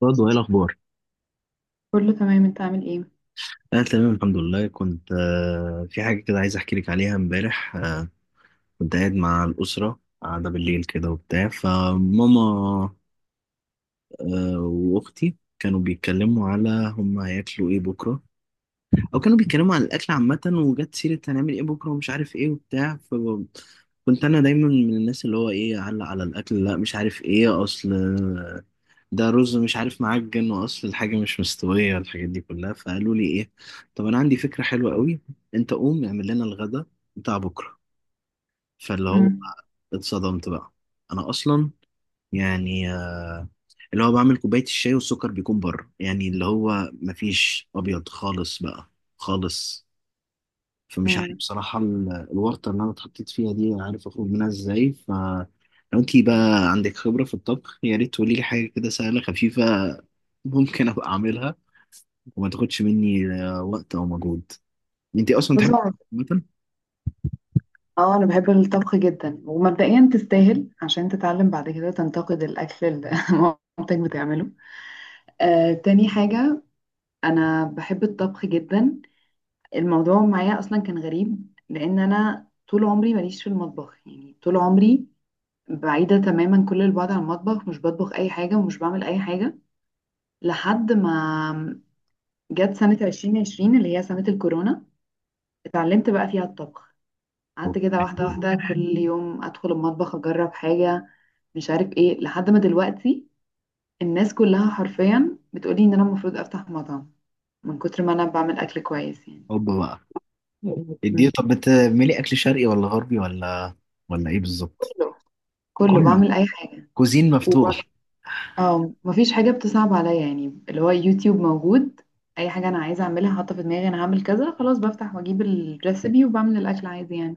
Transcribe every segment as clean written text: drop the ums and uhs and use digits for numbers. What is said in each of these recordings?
برضه ايه الاخبار؟ كله تمام، انت عامل ايه؟ انا تمام الحمد لله. كنت في حاجه كده عايز احكي لك عليها امبارح. كنت قاعد مع الاسره قاعده بالليل كده وبتاع فماما. واختي كانوا بيتكلموا على هم هياكلوا ايه بكره، او كانوا بيتكلموا عن الاكل عامه، وجت سيره هنعمل ايه بكره ومش عارف ايه وبتاع. ف كنت انا دايما من الناس اللي هو ايه اعلق على الاكل، لا مش عارف ايه، اصل ده رز مش عارف، معجن، واصل الحاجه مش مستويه، الحاجات دي كلها. فقالوا لي ايه؟ طب انا عندي فكره حلوه قوي، انت قوم اعمل لنا الغدا بتاع بكره. فاللي هو امم. اتصدمت بقى، انا اصلا يعني اللي هو بعمل كوبايه الشاي والسكر بيكون بره، يعني اللي هو مفيش ابيض خالص بقى خالص. فمش عارف امم. بصراحه الورطه اللي انا اتحطيت فيها دي، عارف اخرج منها ازاي؟ ف لو انتي بقى عندك خبره في الطبخ يا ريت تقولي لي حاجه كده سهله خفيفه ممكن ابقى اعملها، وما تاخدش مني وقت او مجهود. انت اصلا بص، تحب مثلا؟ اه، انا بحب الطبخ جدا، ومبدئيا تستاهل عشان تتعلم بعد كده تنتقد الاكل اللي مامتك بتعمله. تاني حاجة، انا بحب الطبخ جدا. الموضوع معايا اصلا كان غريب لان انا طول عمري ماليش في المطبخ، يعني طول عمري بعيدة تماما كل البعد عن المطبخ، مش بطبخ اي حاجة ومش بعمل اي حاجة لحد ما جت سنة 2020 اللي هي سنة الكورونا، اتعلمت بقى فيها الطبخ. قعدت كده واحدة واحدة، كل يوم أدخل المطبخ أجرب حاجة مش عارف إيه، لحد ما دلوقتي الناس كلها حرفيا بتقولي إن أنا المفروض أفتح مطعم، من كتر ما أنا بعمل أكل كويس يعني. اوبا بقى، اديه. مم. طب بتعملي اكل شرقي ولا غربي، ولا ولا ايه بالظبط؟ كله. كله كله، بعمل أي حاجة. كوزين مفتوح. وبس، اه مفيش حاجة بتصعب عليا، يعني اللي هو يوتيوب موجود، أي حاجة أنا عايزة أعملها حاطة في دماغي أنا هعمل كذا، خلاص بفتح وأجيب الريسبي وبعمل الأكل عادي يعني.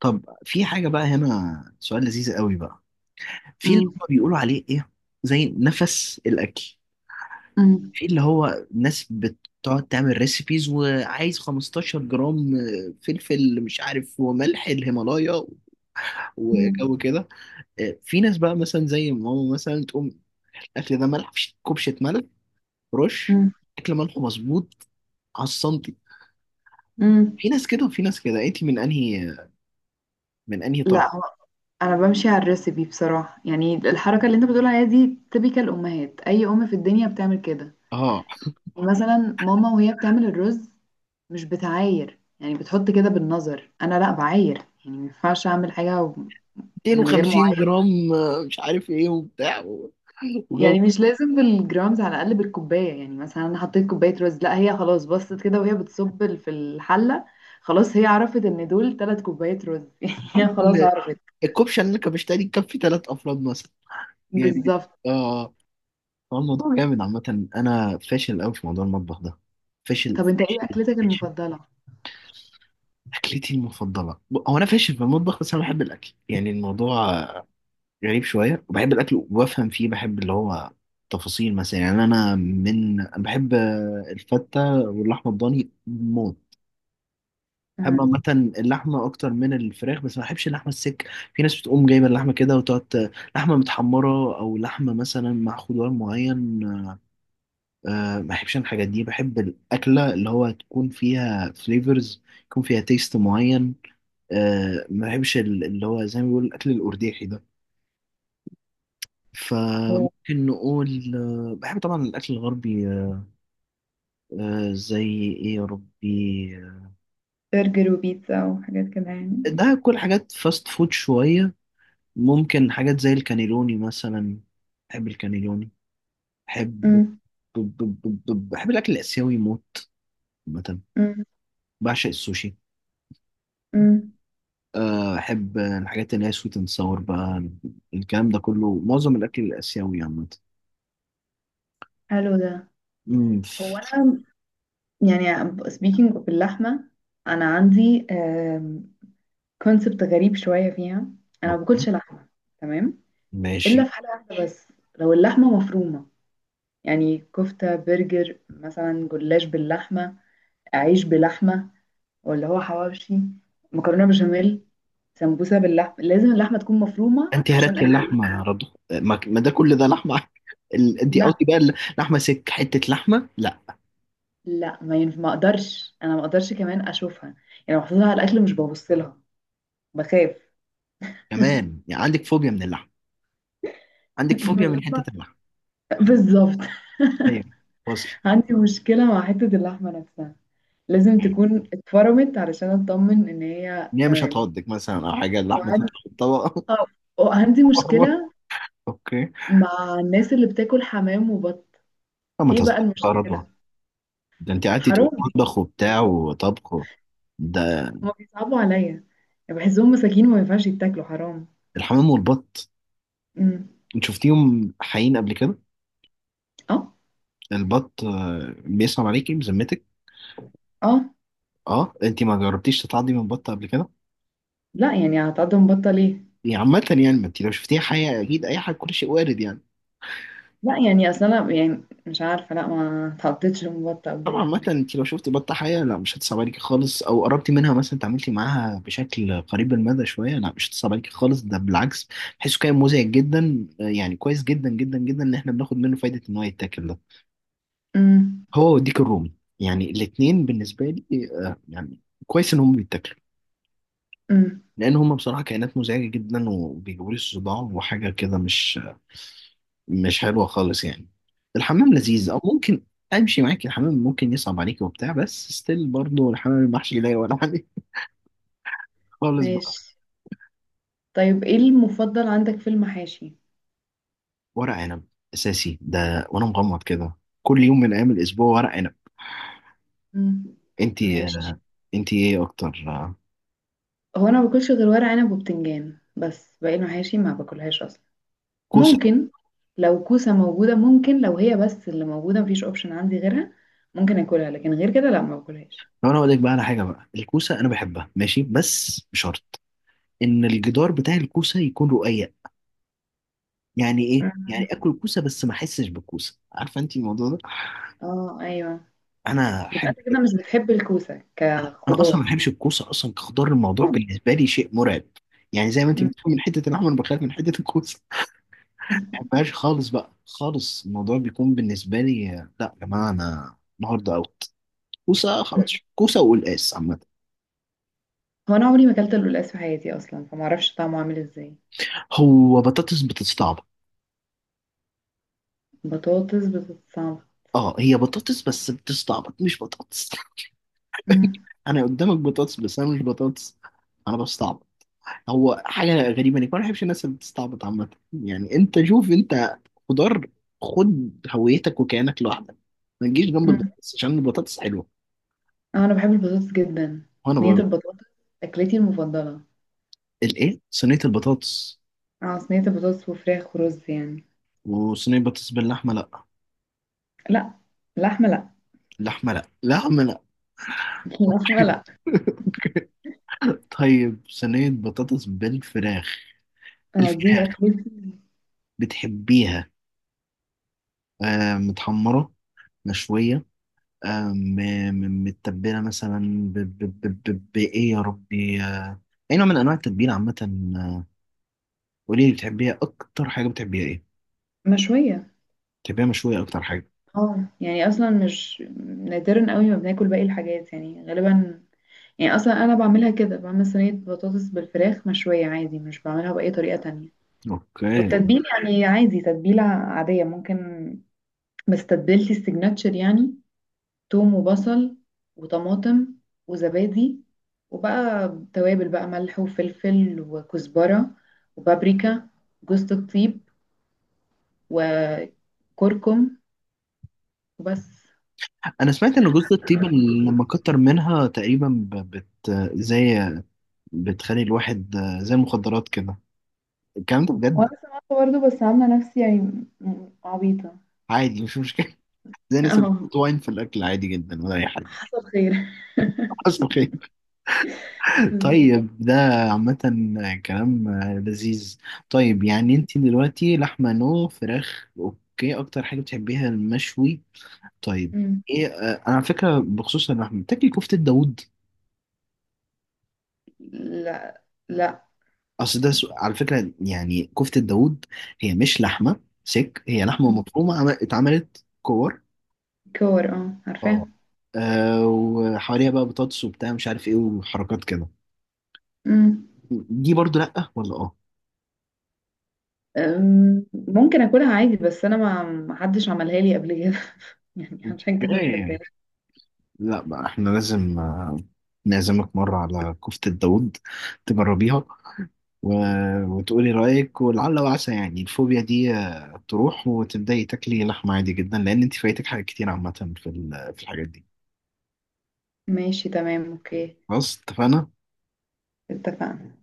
طب في حاجه بقى هنا، سؤال لذيذ قوي بقى. في اللي مم. هم بيقولوا عليه ايه، زي نفس الاكل، مم. في اللي هو ناس بتقعد تعمل ريسيبيز وعايز 15 جرام فلفل، مش عارف، وملح الهيمالايا، مم. وجو كده. في ناس بقى مثلا زي ماما مثلا تقوم الاكل ده ملح، كبشه ملح، رش. مم. اكل ملح مظبوط على السنتي. مم. في ناس كده وفي ناس كده، انت من انهي طرف؟ لا، انا بمشي على الريسبي بصراحه، يعني الحركه اللي انت بتقول عليها دي تبيكال امهات، اي ام في الدنيا بتعمل كده. اه، مثلا ماما وهي بتعمل الرز مش بتعاير، يعني بتحط كده بالنظر، انا لا بعاير، يعني ما ينفعش اعمل حاجه من غير 250 معايره. جرام مش عارف ايه وبتاع وجو. يعني مش لازم بالجرامز، على الاقل بالكوبايه، يعني مثلا انا حطيت كوبايه رز، لا، هي خلاص بصت كده وهي بتصب في الحله، خلاص هي عرفت ان دول ثلاث كوبايات رز يعني عارف هي خلاص ان عرفت. الكبشه اللي انا كبشتها دي تكفي ثلاث افراد مثلا، يعني بالظبط. اه. هو الموضوع جامد عامه، انا فاشل قوي في موضوع المطبخ ده، فاشل طب انت ايه فاشل اكلتك فاشل. المفضله؟ اكلتي المفضله، هو انا فاشل في المطبخ، بس انا بحب الاكل، يعني الموضوع غريب شوية. وبحب الأكل وبفهم فيه، بحب اللي هو تفاصيل مثلا. يعني أنا من أنا بحب الفتة واللحمة الضاني موت. بحب عامة اللحمة أكتر من الفراخ، بس ما بحبش اللحمة السك. في ناس بتقوم جايبة اللحمة كده وتقعد لحمة متحمرة، أو لحمة مثلا مع خضار معين. أه ما بحبش أنا الحاجات دي. بحب الأكلة اللي هو تكون فيها فليفرز، يكون فيها تيست معين. أه ما بحبش اللي هو زي ما بيقول الأكل الأرديحي ده. مم. فممكن نقول بحب طبعا الأكل الغربي، زي إيه يا ربي. برجر وبيتزا وحاجات كده يعني. ده كل حاجات فاست فود شوية. ممكن حاجات زي الكانيلوني مثلا، بحب الكانيلوني. بحب امم. ب- ب- بحب الأكل الآسيوي موت. مثلا امم. بعشق السوشي. امم. أحب الحاجات اللي هي سويت اند ساور بقى. الكلام ده كله معظم الأكل الآسيوي عامة. حلو ده. أمم، هو ف- انا يعني speaking of اللحمه، انا عندي كونسبت غريب شويه فيها. انا ما باكلش لحمه، تمام، الا ماشي. في حاله واحده بس، لو اللحمه مفرومه، يعني كفته، برجر مثلا، جلاش باللحمه، عيش بلحمه، ولا هو حواوشي، مكرونه بشاميل، سمبوسه باللحمه، لازم اللحمه تكون مفرومه انت عشان هرقتي اكل. اللحمه يا رضوى، ما ما ده كل ده لحمه. انت لا. قصدي بقى اللحمه سك، حته لحمه لا. لا، ما ينفع، ما اقدرش، انا ما اقدرش كمان اشوفها، يعني لو حطيتها على الاكل مش ببص لها، بخاف كمان يعني عندك فوبيا من اللحمه، عندك من فوبيا من حته اللحمه. اللحمه؟ بالظبط. ايوه، وصل. عندي مشكله مع حته اللحمه نفسها، لازم تكون اتفرمت علشان اطمن ان هي ان هي مش تمام. هتعضك مثلا، او حاجه اللحمه تطلع وعندي في الطبق. آه، وعندي مشكله اوكي. مع الناس اللي بتاكل حمام وبط. لا ما ايه تهزرش بقى بقى يا رضوى، المشكله؟ ده انت قعدتي تقولي حرام دي، مطبخ وبتاع وطبخ ده. هما بيصعبوا عليا، يعني بحسهم مساكين وما ينفعش يتاكلوا، حرام. الحمام والبط، امم. انت شفتيهم حقيقيين قبل كده؟ اه. البط بيسلم عليكي بذمتك. اه. اه، انت ما جربتيش تتعضي من بط قبل كده؟ لا، يعني هتقعد مبطل ايه؟ يعني عامة يعني، ما انت لو شفتيها حياة اكيد اي حاجة، كل شيء وارد يعني. لا، يعني اصل انا يعني مش عارفه، لا، ما اتحطيتش في مبطه قبل طبعا كده. عامة، انت لو شفتي بطة حياة لا مش هتصعب عليكي خالص، او قربتي منها مثلا، تعاملتي معاها بشكل قريب المدى شوية، لا مش هتصعب عليكي خالص، ده بالعكس. بحسه كائن مزعج جدا، يعني كويس جدا جدا جدا ان احنا بناخد منه فايدة، ان هو يتاكل ده. امم. هو والديك الرومي، يعني الاتنين بالنسبة لي يعني كويس ان هم بيتاكلوا، امم. لان هم بصراحه كائنات مزعجه جدا وبيجيبوا لي صداع وحاجه كده، مش مش حلوه خالص يعني. الحمام لذيذ او ممكن امشي معاك، الحمام ممكن يصعب عليك وبتاع، بس ستيل برضه الحمام المحشي لا ولا عليه خالص بقى. ماشي. طيب ايه المفضل عندك في المحاشي؟ ورق عنب، اساسي ده وانا مغمض كده، كل يوم من ايام الاسبوع ورق عنب. امم. انت ماشي. انت ايه اكتر، هو انا ما باكلش غير ورق عنب وبتنجان، بس باقي المحاشي ما باكلهاش اصلا. كوسه؟ ممكن، لو كوسه موجوده، ممكن لو هي بس اللي موجوده مفيش اوبشن عندي غيرها ممكن اكلها، لكن غير كده لا ما باكلهاش. لو انا اقول لك بقى على حاجه بقى، الكوسه انا بحبها ماشي، بس بشرط ان الجدار بتاع الكوسه يكون رقيق. يعني ايه؟ يعني أمم. اكل كوسه بس ما احسش بالكوسه، عارفه انت الموضوع ده؟ اه ايوه، انا يبقى احب انت كده مش بتحب الكوسه انا اصلا ما كخضار. بحبش الكوسه اصلا كخضار، الموضوع اه. بالنسبه لي شيء مرعب. يعني زي ما انت بتخاف من حته اللحمه، انا بخاف من حته الكوسه. ما أمم. بحبهاش خالص بقى خالص، الموضوع بيكون بالنسبه لي، لا يا جماعه انا النهارده اوت، كوسه خلاص، كوسه وقلقاس عامه. هو انا عمري ما اكلت اللولاس في حياتي اصلا، فما اعرفش طعمه عامل ازاي. هو بطاطس بتستعبط؟ بطاطس؟ بطاطس صعبه. اه، هي بطاطس بس بتستعبط، مش بطاطس. مم. انا قدامك بطاطس، بس انا مش بطاطس، انا بستعبط. هو حاجة غريبة انك ما بحبش الناس اللي بتستعبط عامة، يعني انت شوف، انت خضار، خد هويتك وكيانك لوحدك، ما تجيش جنب مم. البطاطس عشان البطاطس حلوة. اه انا بحب البطاطس جدا. وانا صينيه برضه. البطاطس اكلتي المفضله. الايه، صينية البطاطس؟ اه، صينيه البطاطس وفراخ ورز يعني. وصينية بطاطس باللحمة لا؟ لا، لحمه لا. لحمة لا، لحمة لا. لحمه لا. طيب صينية بطاطس بالفراخ، آه دي الفراخ اكلتي. بتحبيها آه متحمرة مشوية، آه، م- متبلة مثلا؟ بإيه يا ربي، أي نوع من أنواع التتبيلة عامة؟ آه، قولي لي، بتحبيها أكتر حاجة، بتحبيها إيه؟ مشويه. بتحبيها مشوية أكتر حاجة؟ اه، يعني اصلا مش، نادرا قوي ما بناكل باقي الحاجات، يعني غالبا، يعني اصلا انا بعملها كده، بعمل صينيه بطاطس بالفراخ مشويه عادي، مش بعملها باي طريقه تانية. أوكي. والتتبيل يعني عادي، تتبيلة عادية ممكن، ما استبدلتي السيجناتشر يعني، توم وبصل وطماطم وزبادي، وبقى توابل، بقى ملح وفلفل وكزبرة وبابريكا، جوز الطيب وكركم وبس. أنا سمعت إن جوز الطيب اللي لما كتر منها تقريبا بت زي، بتخلي الواحد زي المخدرات كده. الكلام ده بجد؟ وانا سمعت برضه، بس عامله نفسي يعني عبيطه. عادي مش مشكلة. زي الناس اللي اه، بتحط واين في الأكل، عادي جدا ولا أي حاجة. حصل خير. حصل خير. بالظبط. طيب ده عامة كلام لذيذ. طيب يعني انت دلوقتي لحمة نو فراخ اوكي، اكتر حاجة بتحبيها المشوي. طيب مم. ايه اه، انا على فكرة بخصوص اللحمة، بتاكلي كفتة داوود؟ لا. لا. اصل ده على فكرة يعني كفتة داوود هي مش لحمة سك، هي لحمة مم. مفرومة اتعملت كور. كور، اه عارفاه. اه، اه، وحواليها بقى بطاطس وبتاع مش عارف ايه، وحركات كده. أمم. دي برضو لأ ولا اه؟ ممكن اكلها عادي، بس انا ما حدش عملها لي قبل كده، يعني عشان كده ما اوكي. اكلتهاش. لا بقى احنا لازم نعزمك مرة على كفتة داوود تجربيها و... وتقولي رأيك، ولعل وعسى يعني الفوبيا دي تروح وتبدأي تاكلي لحمة عادي جدا، لأن انت فايتك حاجات كتير عامة في في الحاجات دي. ماشي تمام اوكي. خلاص اتفقنا؟ اتفقنا.